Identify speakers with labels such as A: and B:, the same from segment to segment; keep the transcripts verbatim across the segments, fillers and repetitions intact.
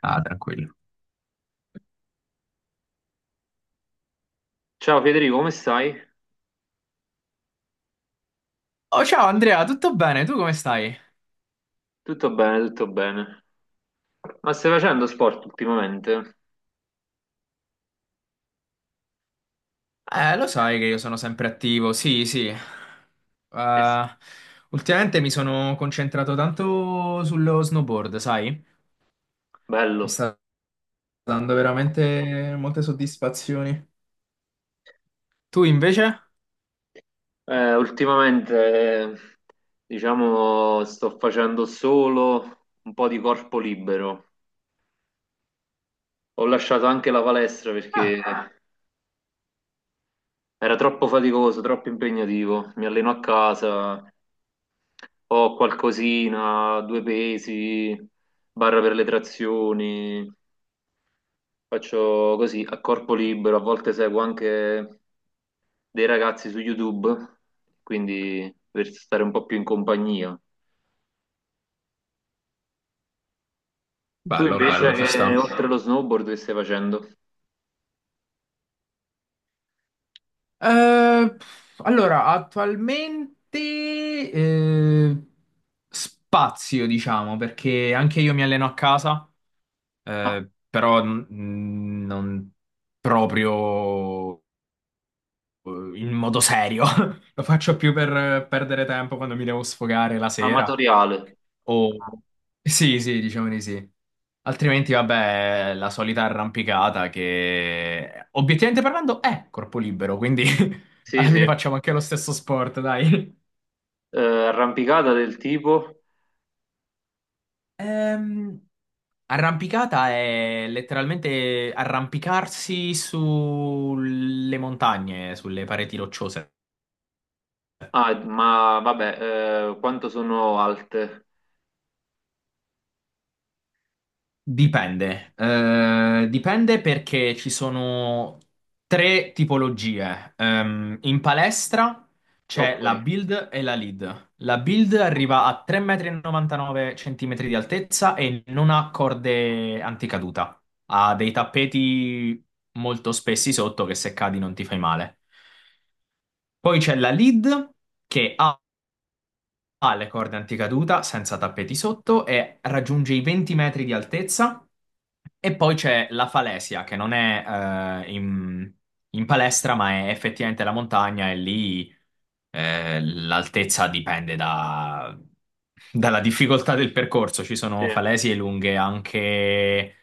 A: Ah, tranquillo.
B: Ciao Federico, come stai?
A: Oh, ciao Andrea, tutto bene? Tu come stai?
B: Tutto bene, tutto bene. Ma stai facendo sport ultimamente?
A: Eh, lo sai che io sono sempre attivo, sì, sì. Eh,
B: Eh sì.
A: ultimamente mi sono concentrato tanto sullo snowboard, sai? Mi
B: Bello.
A: sta dando veramente molte soddisfazioni. Tu invece?
B: Eh, ultimamente, eh, diciamo, sto facendo solo un po' di corpo libero. Ho lasciato anche la palestra perché
A: Ah,
B: era troppo faticoso, troppo impegnativo. Mi alleno a casa, ho qualcosina, due pesi, barra per le trazioni. Faccio così a corpo libero, a volte seguo anche dei ragazzi su YouTube, quindi per stare un po' più in compagnia. Tu
A: bello, bello,
B: invece,
A: ci
B: che
A: sta.
B: oltre allo snowboard che stai facendo?
A: Eh, allora, attualmente eh, spazio, diciamo, perché anche io mi alleno a casa.
B: Ah,
A: Eh, però mm, non proprio eh, in modo serio. Lo faccio più per eh, perdere tempo quando mi devo sfogare la sera.
B: amatoriale.
A: O... Sì, sì, diciamo di sì. Altrimenti, vabbè, la solita arrampicata che, obiettivamente parlando, è corpo libero, quindi
B: Sì,
A: alla fine
B: sì.
A: facciamo anche lo stesso sport, dai.
B: Eh, arrampicata del tipo.
A: Ehm, Arrampicata è letteralmente arrampicarsi sulle montagne, sulle pareti rocciose.
B: Ah, ma vabbè, eh, quanto sono alte?
A: Dipende. Eh, dipende perché ci sono tre tipologie. Ehm, in palestra
B: Ok,
A: c'è la build e la lead. La build arriva a tre virgola novantanove cm di altezza e non ha corde anticaduta. Ha dei tappeti molto spessi sotto che se cadi non ti fai male. Poi c'è la lead che ha ha le corde anticaduta senza tappeti sotto e raggiunge i venti metri di altezza. E poi c'è la falesia che non è eh, in, in palestra, ma è effettivamente la montagna e lì eh, l'altezza dipende da- dalla difficoltà del percorso. Ci
B: sì.
A: sono falesie lunghe anche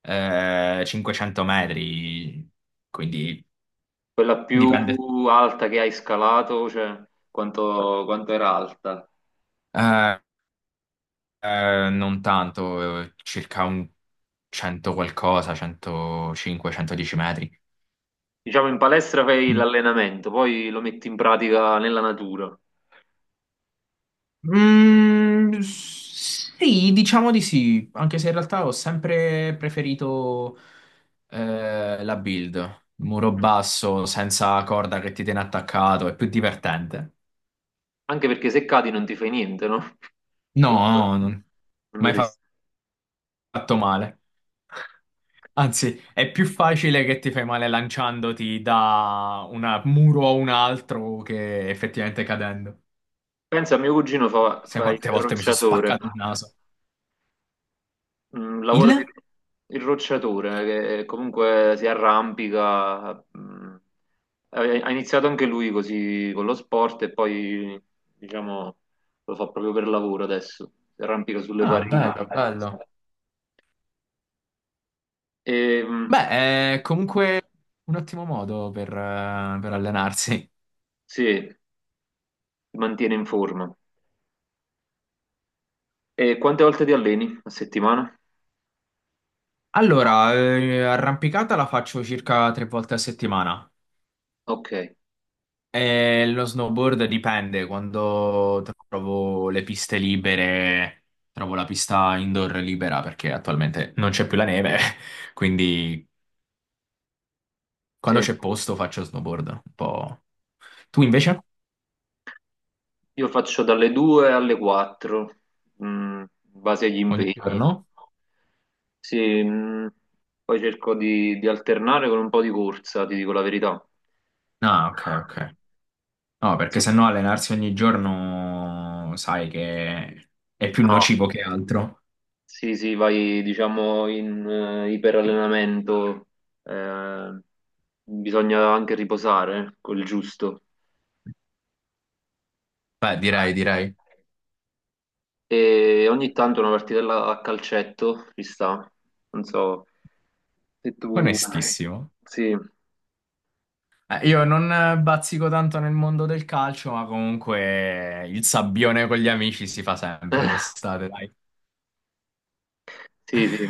A: eh, cinquecento metri, quindi
B: Quella
A: dipende.
B: più alta che hai scalato, cioè quanto, quanto era alta?
A: Eh, Eh, non tanto, eh, circa un cento qualcosa, centocinque, centodieci metri.
B: Diciamo, in palestra fai
A: Mm.
B: l'allenamento, poi lo metti in pratica nella natura.
A: Mm, sì, diciamo di sì, anche se in realtà ho sempre preferito eh, la build, muro basso, senza corda che ti tiene attaccato, è più divertente.
B: Anche perché se cadi non ti fai niente, no?
A: No,
B: Comunque,
A: no, non-
B: non
A: mai fa-
B: dovresti.
A: fatto male. Anzi, è più facile che ti fai male lanciandoti da un muro a un altro che effettivamente cadendo.
B: Pensa, mio cugino fa,
A: Sai
B: fa il
A: quante volte mi sono
B: rocciatore.
A: spaccato il naso.
B: Mm, lavoro di
A: Il?
B: il rocciatore, che comunque si arrampica. Mm. Ha ha iniziato anche lui così con lo sport e poi, diciamo, lo fa proprio per lavoro adesso. Si arrampica sulle
A: Ah,
B: pareti.
A: bello, bello.
B: E, mm,
A: Beh, è comunque un ottimo modo per, eh, per allenarsi.
B: sì, si mantiene in forma. E quante volte ti alleni a settimana?
A: Allora, eh, arrampicata la faccio circa tre volte a settimana.
B: Ok,
A: Eh, lo snowboard dipende, quando trovo le piste libere, trovo la pista indoor libera perché attualmente non c'è più la neve, quindi quando
B: sì.
A: c'è posto faccio snowboard un po'. Tu invece?
B: Io faccio dalle due alle quattro, mh, in base agli
A: Ogni
B: impegni.
A: giorno?
B: Sì, mh, poi cerco di, di alternare con un po' di corsa, ti dico la verità.
A: Ah, ok, ok. No, perché
B: Sì.
A: sennò allenarsi ogni giorno sai che è più
B: No,
A: nocivo che altro.
B: sì, sì, vai diciamo in eh, iperallenamento, eh, bisogna anche riposare, quel giusto.
A: Beh, direi, direi.
B: E ogni tanto una partitella a calcetto ci sta. Non so se tu...
A: Onestissimo.
B: Sì,
A: Eh, Io non eh, bazzico tanto nel mondo del calcio, ma comunque il sabbione con gli amici si fa sempre l'estate, dai.
B: sì, sì.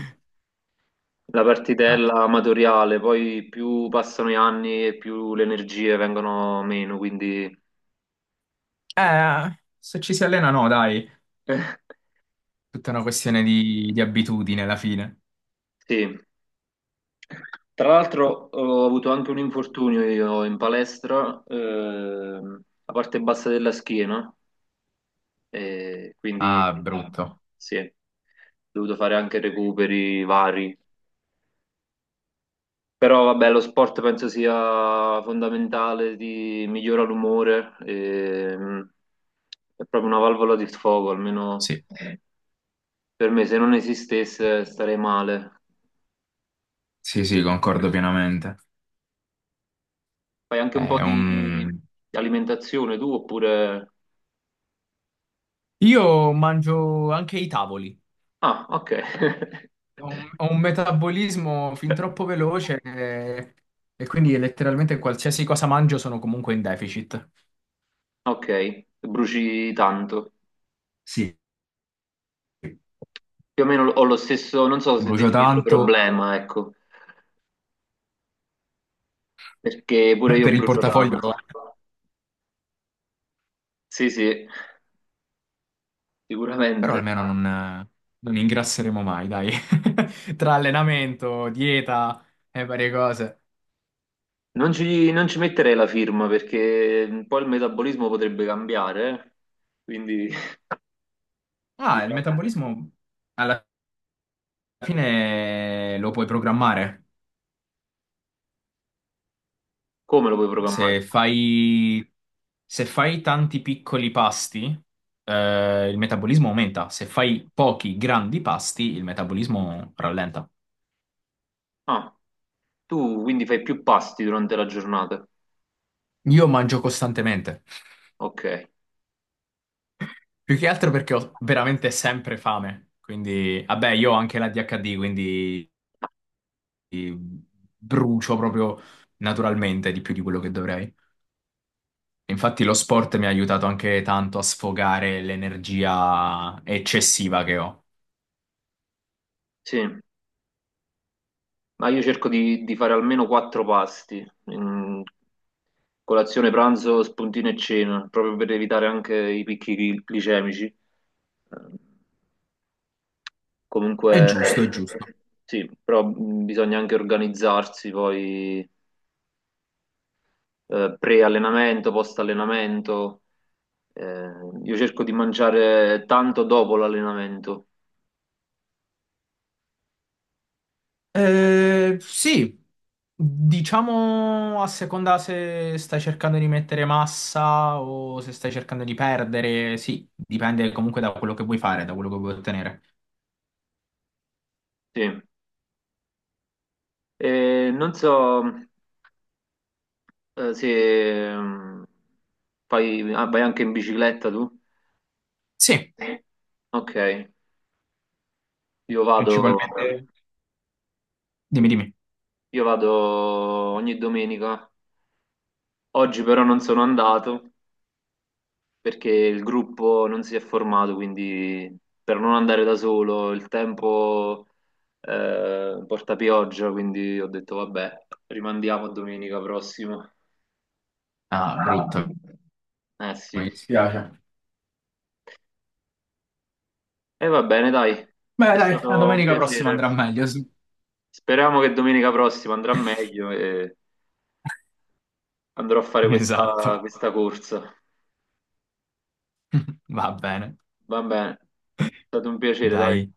B: La
A: Ah.
B: partitella amatoriale, poi più passano gli anni e più le energie vengono meno, quindi...
A: Eh, se ci si allena, no, dai.
B: Eh,
A: Tutta una questione di, di abitudine alla fine.
B: sì. Tra l'altro ho avuto anche un infortunio io in palestra, ehm, la parte bassa della schiena, e quindi...
A: Ah,
B: eh,
A: brutto.
B: Sì, ho dovuto fare anche recuperi vari. Però vabbè, lo sport penso sia fondamentale, ti migliora l'umore, e, mm, è proprio una valvola di sfogo, almeno
A: Sì,
B: per me, se non esistesse starei male.
A: sì, sì, concordo pienamente.
B: Fai anche un po'
A: È
B: di
A: un-
B: di alimentazione tu oppure...
A: Io mangio anche i tavoli.
B: Ah, ok.
A: Ho un, ho un metabolismo fin troppo veloce, eh, e quindi letteralmente qualsiasi cosa mangio sono comunque in deficit.
B: Ok, bruci tanto.
A: Sì,
B: Più o meno ho lo stesso, non so se
A: brucio
B: definirlo
A: tanto.
B: problema, ecco, perché pure io
A: Per il
B: brucio
A: portafoglio
B: tanto.
A: lo è,
B: Sì, sì,
A: però
B: sicuramente.
A: almeno non, non ingrasseremo mai, dai. Tra allenamento, dieta e varie cose.
B: Non ci, non ci metterei la firma perché un po' il metabolismo potrebbe cambiare, eh. Quindi
A: Ah, il
B: diciamo,
A: metabolismo alla fine lo puoi programmare.
B: come lo puoi programmare?
A: Se fai, se fai tanti piccoli pasti, eh, il metabolismo aumenta. Se fai pochi grandi pasti, il metabolismo rallenta.
B: Ah, tu quindi fai più pasti durante la giornata.
A: Io mangio costantemente.
B: Ok,
A: Più che altro perché ho veramente sempre fame, quindi vabbè, io ho anche la d h d quindi eh, brucio proprio naturalmente di più di quello che dovrei. Infatti lo sport mi ha aiutato anche tanto a sfogare l'energia eccessiva che ho.
B: sì, ma io cerco di, di fare almeno quattro pasti, mm, colazione, pranzo, spuntino e cena, proprio per evitare anche i picchi gli- glicemici. Eh, Comunque,
A: È giusto, è giusto.
B: sì, però mm, bisogna anche organizzarsi poi eh, pre-allenamento, post-allenamento. Eh, io cerco di mangiare tanto dopo l'allenamento.
A: Eh, sì, diciamo a seconda se stai cercando di mettere massa o se stai cercando di perdere, sì, dipende comunque da quello che vuoi fare, da quello che vuoi ottenere.
B: Sì. E non so, eh, se mm, fai- ah, vai anche in bicicletta tu?
A: Sì.
B: Sì. Ok, io vado,
A: Principalmente, dimmi, dimmi.
B: io vado ogni domenica. Oggi però non sono andato perché il gruppo non si è formato, quindi per non andare da solo, il tempo eh, porta pioggia, quindi ho detto vabbè, rimandiamo a domenica prossima.
A: Ah, brutto,
B: Eh sì.
A: mi dispiace.
B: E va bene, dai,
A: Beh,
B: è
A: dai, la
B: stato un
A: domenica prossima
B: piacere.
A: andrà meglio, sì.
B: Speriamo che domenica prossima andrà meglio e andrò a fare questa,
A: Esatto.
B: questa corsa.
A: Va bene.
B: Va bene, è stato un piacere, dai.
A: Dai,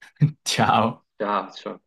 A: ciao.
B: Ciao, ciao.